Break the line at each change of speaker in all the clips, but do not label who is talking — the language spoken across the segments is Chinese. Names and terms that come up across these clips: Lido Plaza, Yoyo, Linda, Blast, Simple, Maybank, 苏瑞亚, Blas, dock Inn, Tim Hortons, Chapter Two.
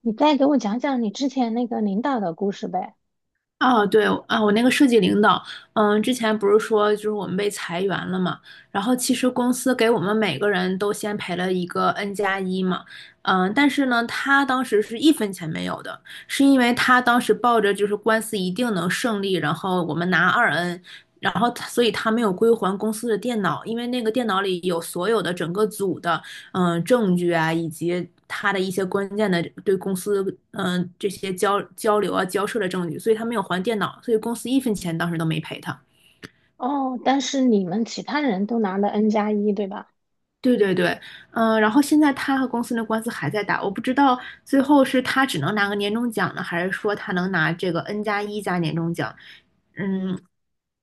你再给我讲讲你之前那个领导的故事呗。
哦，对，啊，我那个设计领导，之前不是说就是我们被裁员了嘛，然后其实公司给我们每个人都先赔了一个 N 加一嘛，但是呢，他当时是一分钱没有的，是因为他当时抱着就是官司一定能胜利，然后我们拿二 N，然后所以他没有归还公司的电脑，因为那个电脑里有所有的整个组的证据啊，以及他的一些关键的对公司这些交流啊交涉的证据，所以他没有还电脑，所以公司一分钱当时都没赔他。
哦，但是你们其他人都拿了 N 加一，对吧？
对对对，然后现在他和公司的官司还在打，我不知道最后是他只能拿个年终奖呢，还是说他能拿这个 N 加一加年终奖？嗯，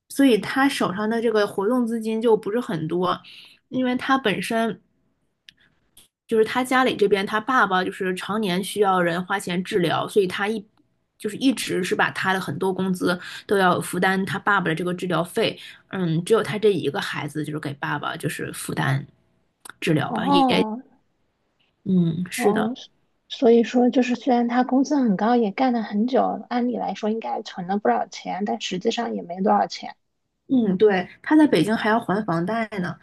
所以他手上的这个活动资金就不是很多，因为他本身就是他家里这边，他爸爸就是常年需要人花钱治疗，所以他就是一直是把他的很多工资都要负担他爸爸的这个治疗费。只有他这一个孩子就是给爸爸就是负担治疗吧，也
哦。
嗯是
哦，
的，
所以说虽然他工资很高，也干了很久，按理来说应该存了不少钱，但实际上也没多少钱。
嗯对，他在北京还要还房贷呢，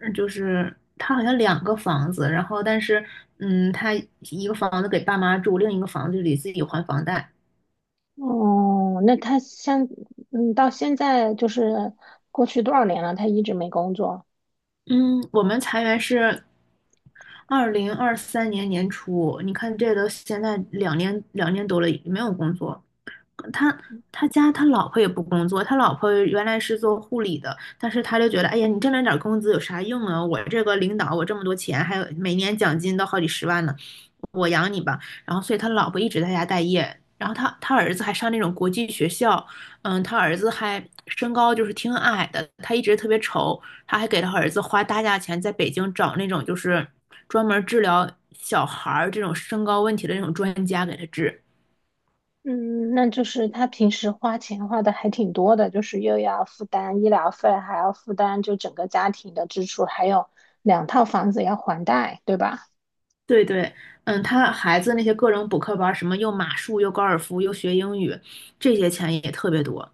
就是他好像两个房子，然后但是他一个房子给爸妈住，另一个房子里自己还房贷。
哦，那他像，嗯，到现在过去多少年了，他一直没工作。
嗯，我们裁员是2023年年初，你看这都现在两年多了，没有工作。他他家他老婆也不工作，他老婆原来是做护理的，但是他就觉得，哎呀，你挣那点儿工资有啥用啊？我这个领导，我这么多钱，还有每年奖金都好几十万呢。我养你吧。然后所以他老婆一直在家待业，然后他儿子还上那种国际学校，他儿子还身高就是挺矮的，他一直特别丑，他还给他儿子花大价钱在北京找那种就是专门治疗小孩儿这种身高问题的那种专家给他治。
嗯，那就是他平时花钱花的还挺多的，就是又要负担医疗费，还要负担就整个家庭的支出，还有两套房子要还贷，对吧？
对对，他孩子那些各种补课班儿什么又马术又高尔夫又学英语，这些钱也特别多。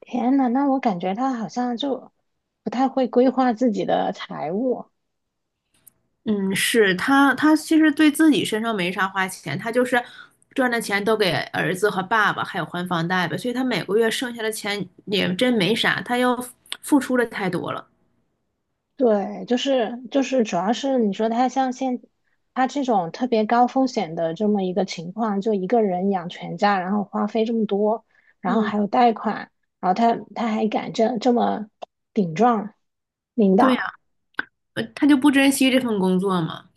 天呐，那我感觉他好像就不太会规划自己的财务。
嗯，是他，他其实对自己身上没啥花钱，他就是赚的钱都给儿子和爸爸，还有还房贷吧，所以他每个月剩下的钱也真没啥，他又付出了太多了。
对，就是，主要是你说他像他这种特别高风险的这么一个情况，就一个人养全家，然后花费这么多，然后还
嗯，
有贷款，然后他还敢这么顶撞领
对呀，
导，
他就不珍惜这份工作嘛。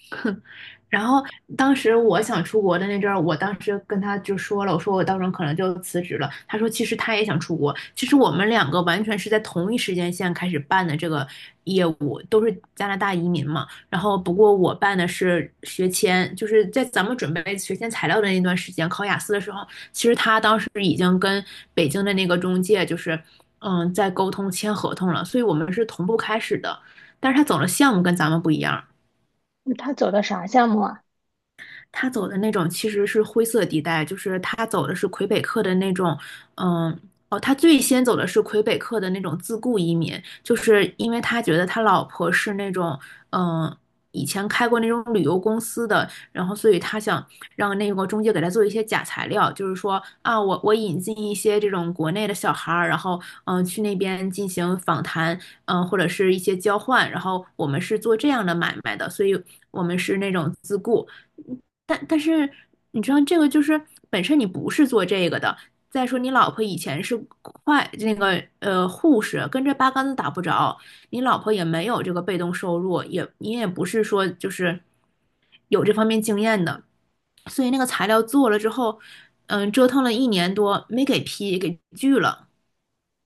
然后当时我想出国的那阵儿，我当时跟他就说了，我说我到时候可能就辞职了。他说其实他也想出国，其实我们两个完全是在同一时间线开始办的这个业务，都是加拿大移民嘛。然后不过我办的是学签，就是在咱们准备学签材料的那段时间，考雅思的时候，其实他当时已经跟北京的那个中介就是在沟通签合同了，所以我们是同步开始的。但是他走的项目跟咱们不一样，
他走的啥项目啊？
他走的那种其实是灰色地带，就是他走的是魁北克的那种，嗯，哦，他最先走的是魁北克的那种自雇移民，就是因为他觉得他老婆是那种，嗯，以前开过那种旅游公司的，然后所以他想让那个中介给他做一些假材料，就是说啊，我引进一些这种国内的小孩儿，然后去那边进行访谈，或者是一些交换，然后我们是做这样的买卖的，所以我们是那种自雇。但是你知道这个就是本身你不是做这个的。再说你老婆以前是快那个护士，跟这八竿子打不着，你老婆也没有这个被动收入，也你也不是说就是有这方面经验的，所以那个材料做了之后，折腾了一年多没给批，给拒了。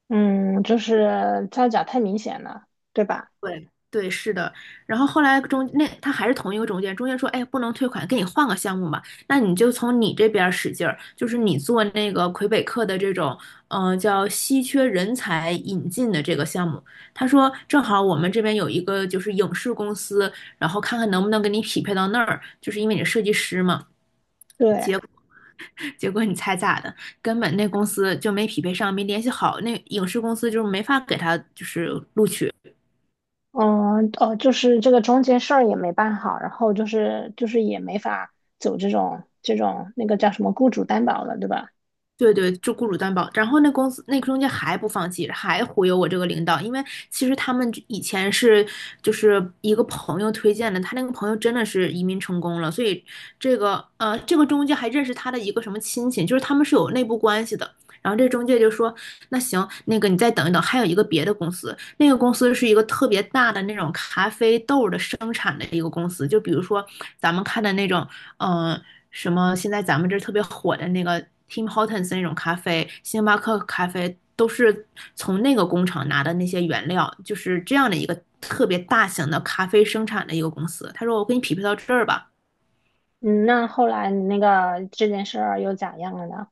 嗯，就是造假太明显了，对吧？
对对，是的。然后后来他还是同一个中介，中介说，哎，不能退款，给你换个项目吧。那你就从你这边儿使劲儿，就是你做那个魁北克的这种，叫稀缺人才引进的这个项目。他说，正好我们这边有一个就是影视公司，然后看看能不能给你匹配到那儿，就是因为你是设计师嘛。
对。
结果结果你猜咋的？根本那公司就没匹配上，没联系好，那影视公司就是没法给他就是录取。
嗯哦，就是这个中间事儿也没办好，然后也没法走这种那个叫什么雇主担保了，对吧？
对对，就雇主担保。然后那公司那个中介还不放弃，还忽悠我这个领导，因为其实他们以前是就是一个朋友推荐的，他那个朋友真的是移民成功了，所以这个这个中介还认识他的一个什么亲戚，就是他们是有内部关系的。然后这中介就说，那行，那个你再等一等，还有一个别的公司，那个公司是一个特别大的那种咖啡豆的生产的一个公司，就比如说咱们看的那种，嗯、什么现在咱们这特别火的那个 Tim Hortons 那种咖啡，星巴克咖啡都是从那个工厂拿的那些原料，就是这样的一个特别大型的咖啡生产的一个公司。他说我给你匹配到这儿吧，
嗯，那后来你那个这件事儿又咋样了呢？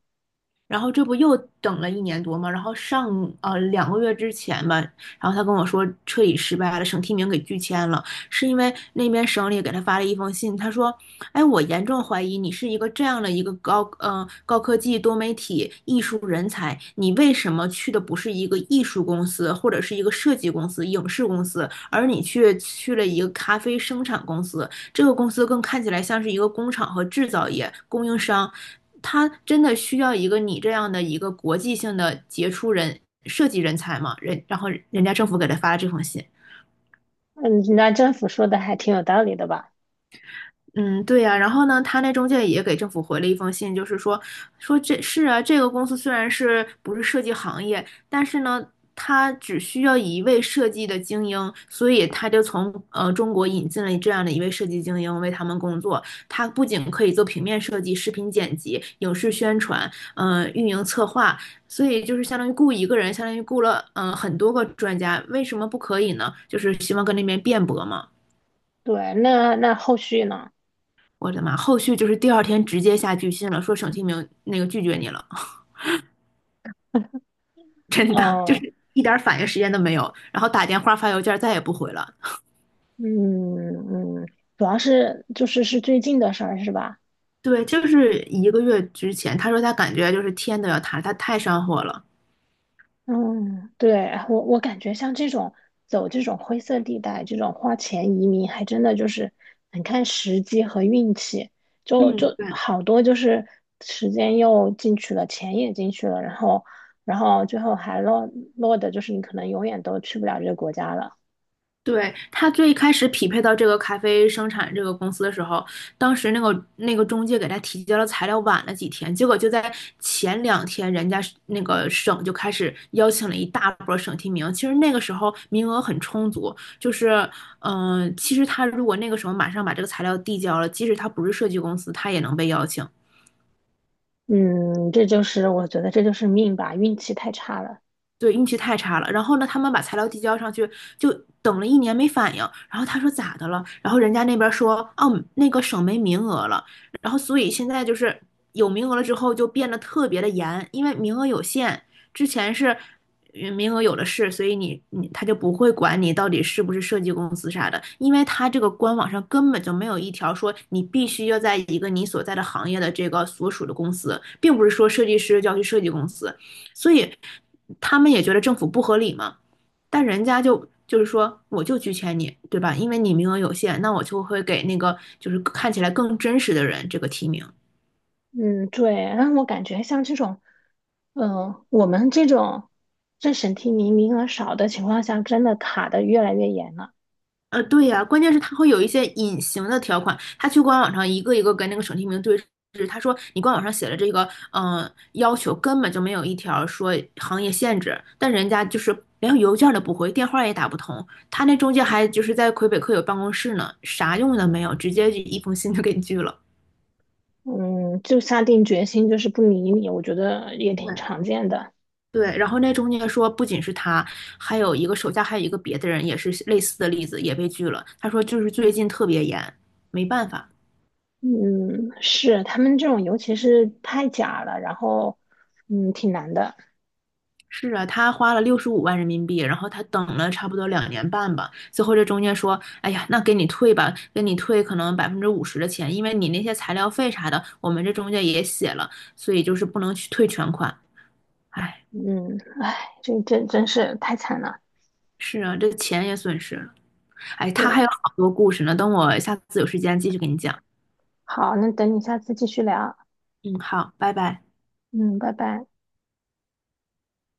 然后这不又等了一年多嘛，然后上2个月之前吧，然后他跟我说彻底失败了，省提名给拒签了，是因为那边省里给他发了一封信，他说，哎，我严重怀疑你是一个这样的一个高科技多媒体艺术人才，你为什么去的不是一个艺术公司或者是一个设计公司、影视公司，而你却去了一个咖啡生产公司？这个公司更看起来像是一个工厂和制造业供应商，他真的需要一个你这样的一个国际性的杰出人设计人才吗？然后人家政府给他发了这封信。
嗯，那政府说的还挺有道理的吧？
嗯，对呀，然后呢，他那中介也给政府回了一封信，就是说，说这是啊，这个公司虽然是不是设计行业，但是呢，他只需要一位设计的精英，所以他就从中国引进了这样的一位设计精英为他们工作。他不仅可以做平面设计、视频剪辑、影视宣传，运营策划，所以就是相当于雇一个人，相当于雇了很多个专家，为什么不可以呢？就是希望跟那边辩驳嘛。
对，那那后续呢？
我的妈！后续就是第二天直接下拒信了，说沈清明那个拒绝你了，真的就
哦。
是一点反应时间都没有，然后打电话发邮件再也不回了。
嗯。嗯，主要是就是最近的事儿是吧？
对，就是一个月之前，他说他感觉就是天都要塌了，他太上火了。
嗯，对，我感觉像这种走这种灰色地带，这种花钱移民，还真的就是很看时机和运气。就
嗯，
就
对，
好多就是时间又进去了，钱也进去了，然后然后最后还落的就是你可能永远都去不了这个国家了。
对，他最开始匹配到这个咖啡生产这个公司的时候，当时那个中介给他提交了材料晚了几天，结果就在前两天，人家是那个省就开始邀请了一大波省提名。其实那个时候名额很充足，就是其实他如果那个时候马上把这个材料递交了，即使他不是设计公司，他也能被邀请。
嗯，这就是我觉得这就是命吧，运气太差了。
对，运气太差了。然后呢，他们把材料递交上去，就等了一年没反应。然后他说咋的了？然后人家那边说，哦，那个省没名额了。然后所以现在就是有名额了之后就变得特别的严，因为名额有限。之前是名额有的是，所以他就不会管你到底是不是设计公司啥的，因为他这个官网上根本就没有一条说你必须要在一个你所在的行业的这个所属的公司，并不是说设计师就要去设计公司。所以他们也觉得政府不合理嘛，但人家就是说我就拒签你，对吧？因为你名额有限，那我就会给那个就是看起来更真实的人这个提名。
嗯，对，让我感觉像这种，嗯、我们这种政审提名名额少的情况下，真的卡的越来越严了。
对呀，啊关键是他会有一些隐形的条款，他去官网上一个一个跟那个省提名对峙，他说你官网上写了这个，要求根本就没有一条说行业限制，但人家就是连邮件都不回，电话也打不通，他那中介还就是在魁北克有办公室呢，啥用都没有，直接就一封信就给拒了。
嗯，就下定决心就是不理你，我觉得也挺
对
常见的。
对，然后那中介说，不仅是他，还有一个手下还有一个别的人也是类似的例子，也被拒了。他说就是最近特别严，没办法。
嗯，是他们这种，尤其是太假了，然后嗯，挺难的。
是啊，他花了65万人民币，然后他等了差不多2年半吧。最后这中介说，哎呀，那给你退吧，给你退可能50%的钱，因为你那些材料费啥的，我们这中介也写了，所以就是不能去退全款。哎，
嗯，唉，这真是太惨了。
是啊，这钱也损失了。哎，他还
对，
有好多故事呢，等我下次有时间继续给你讲。
好，那等你下次继续聊。
嗯，好，拜拜。
嗯，拜拜。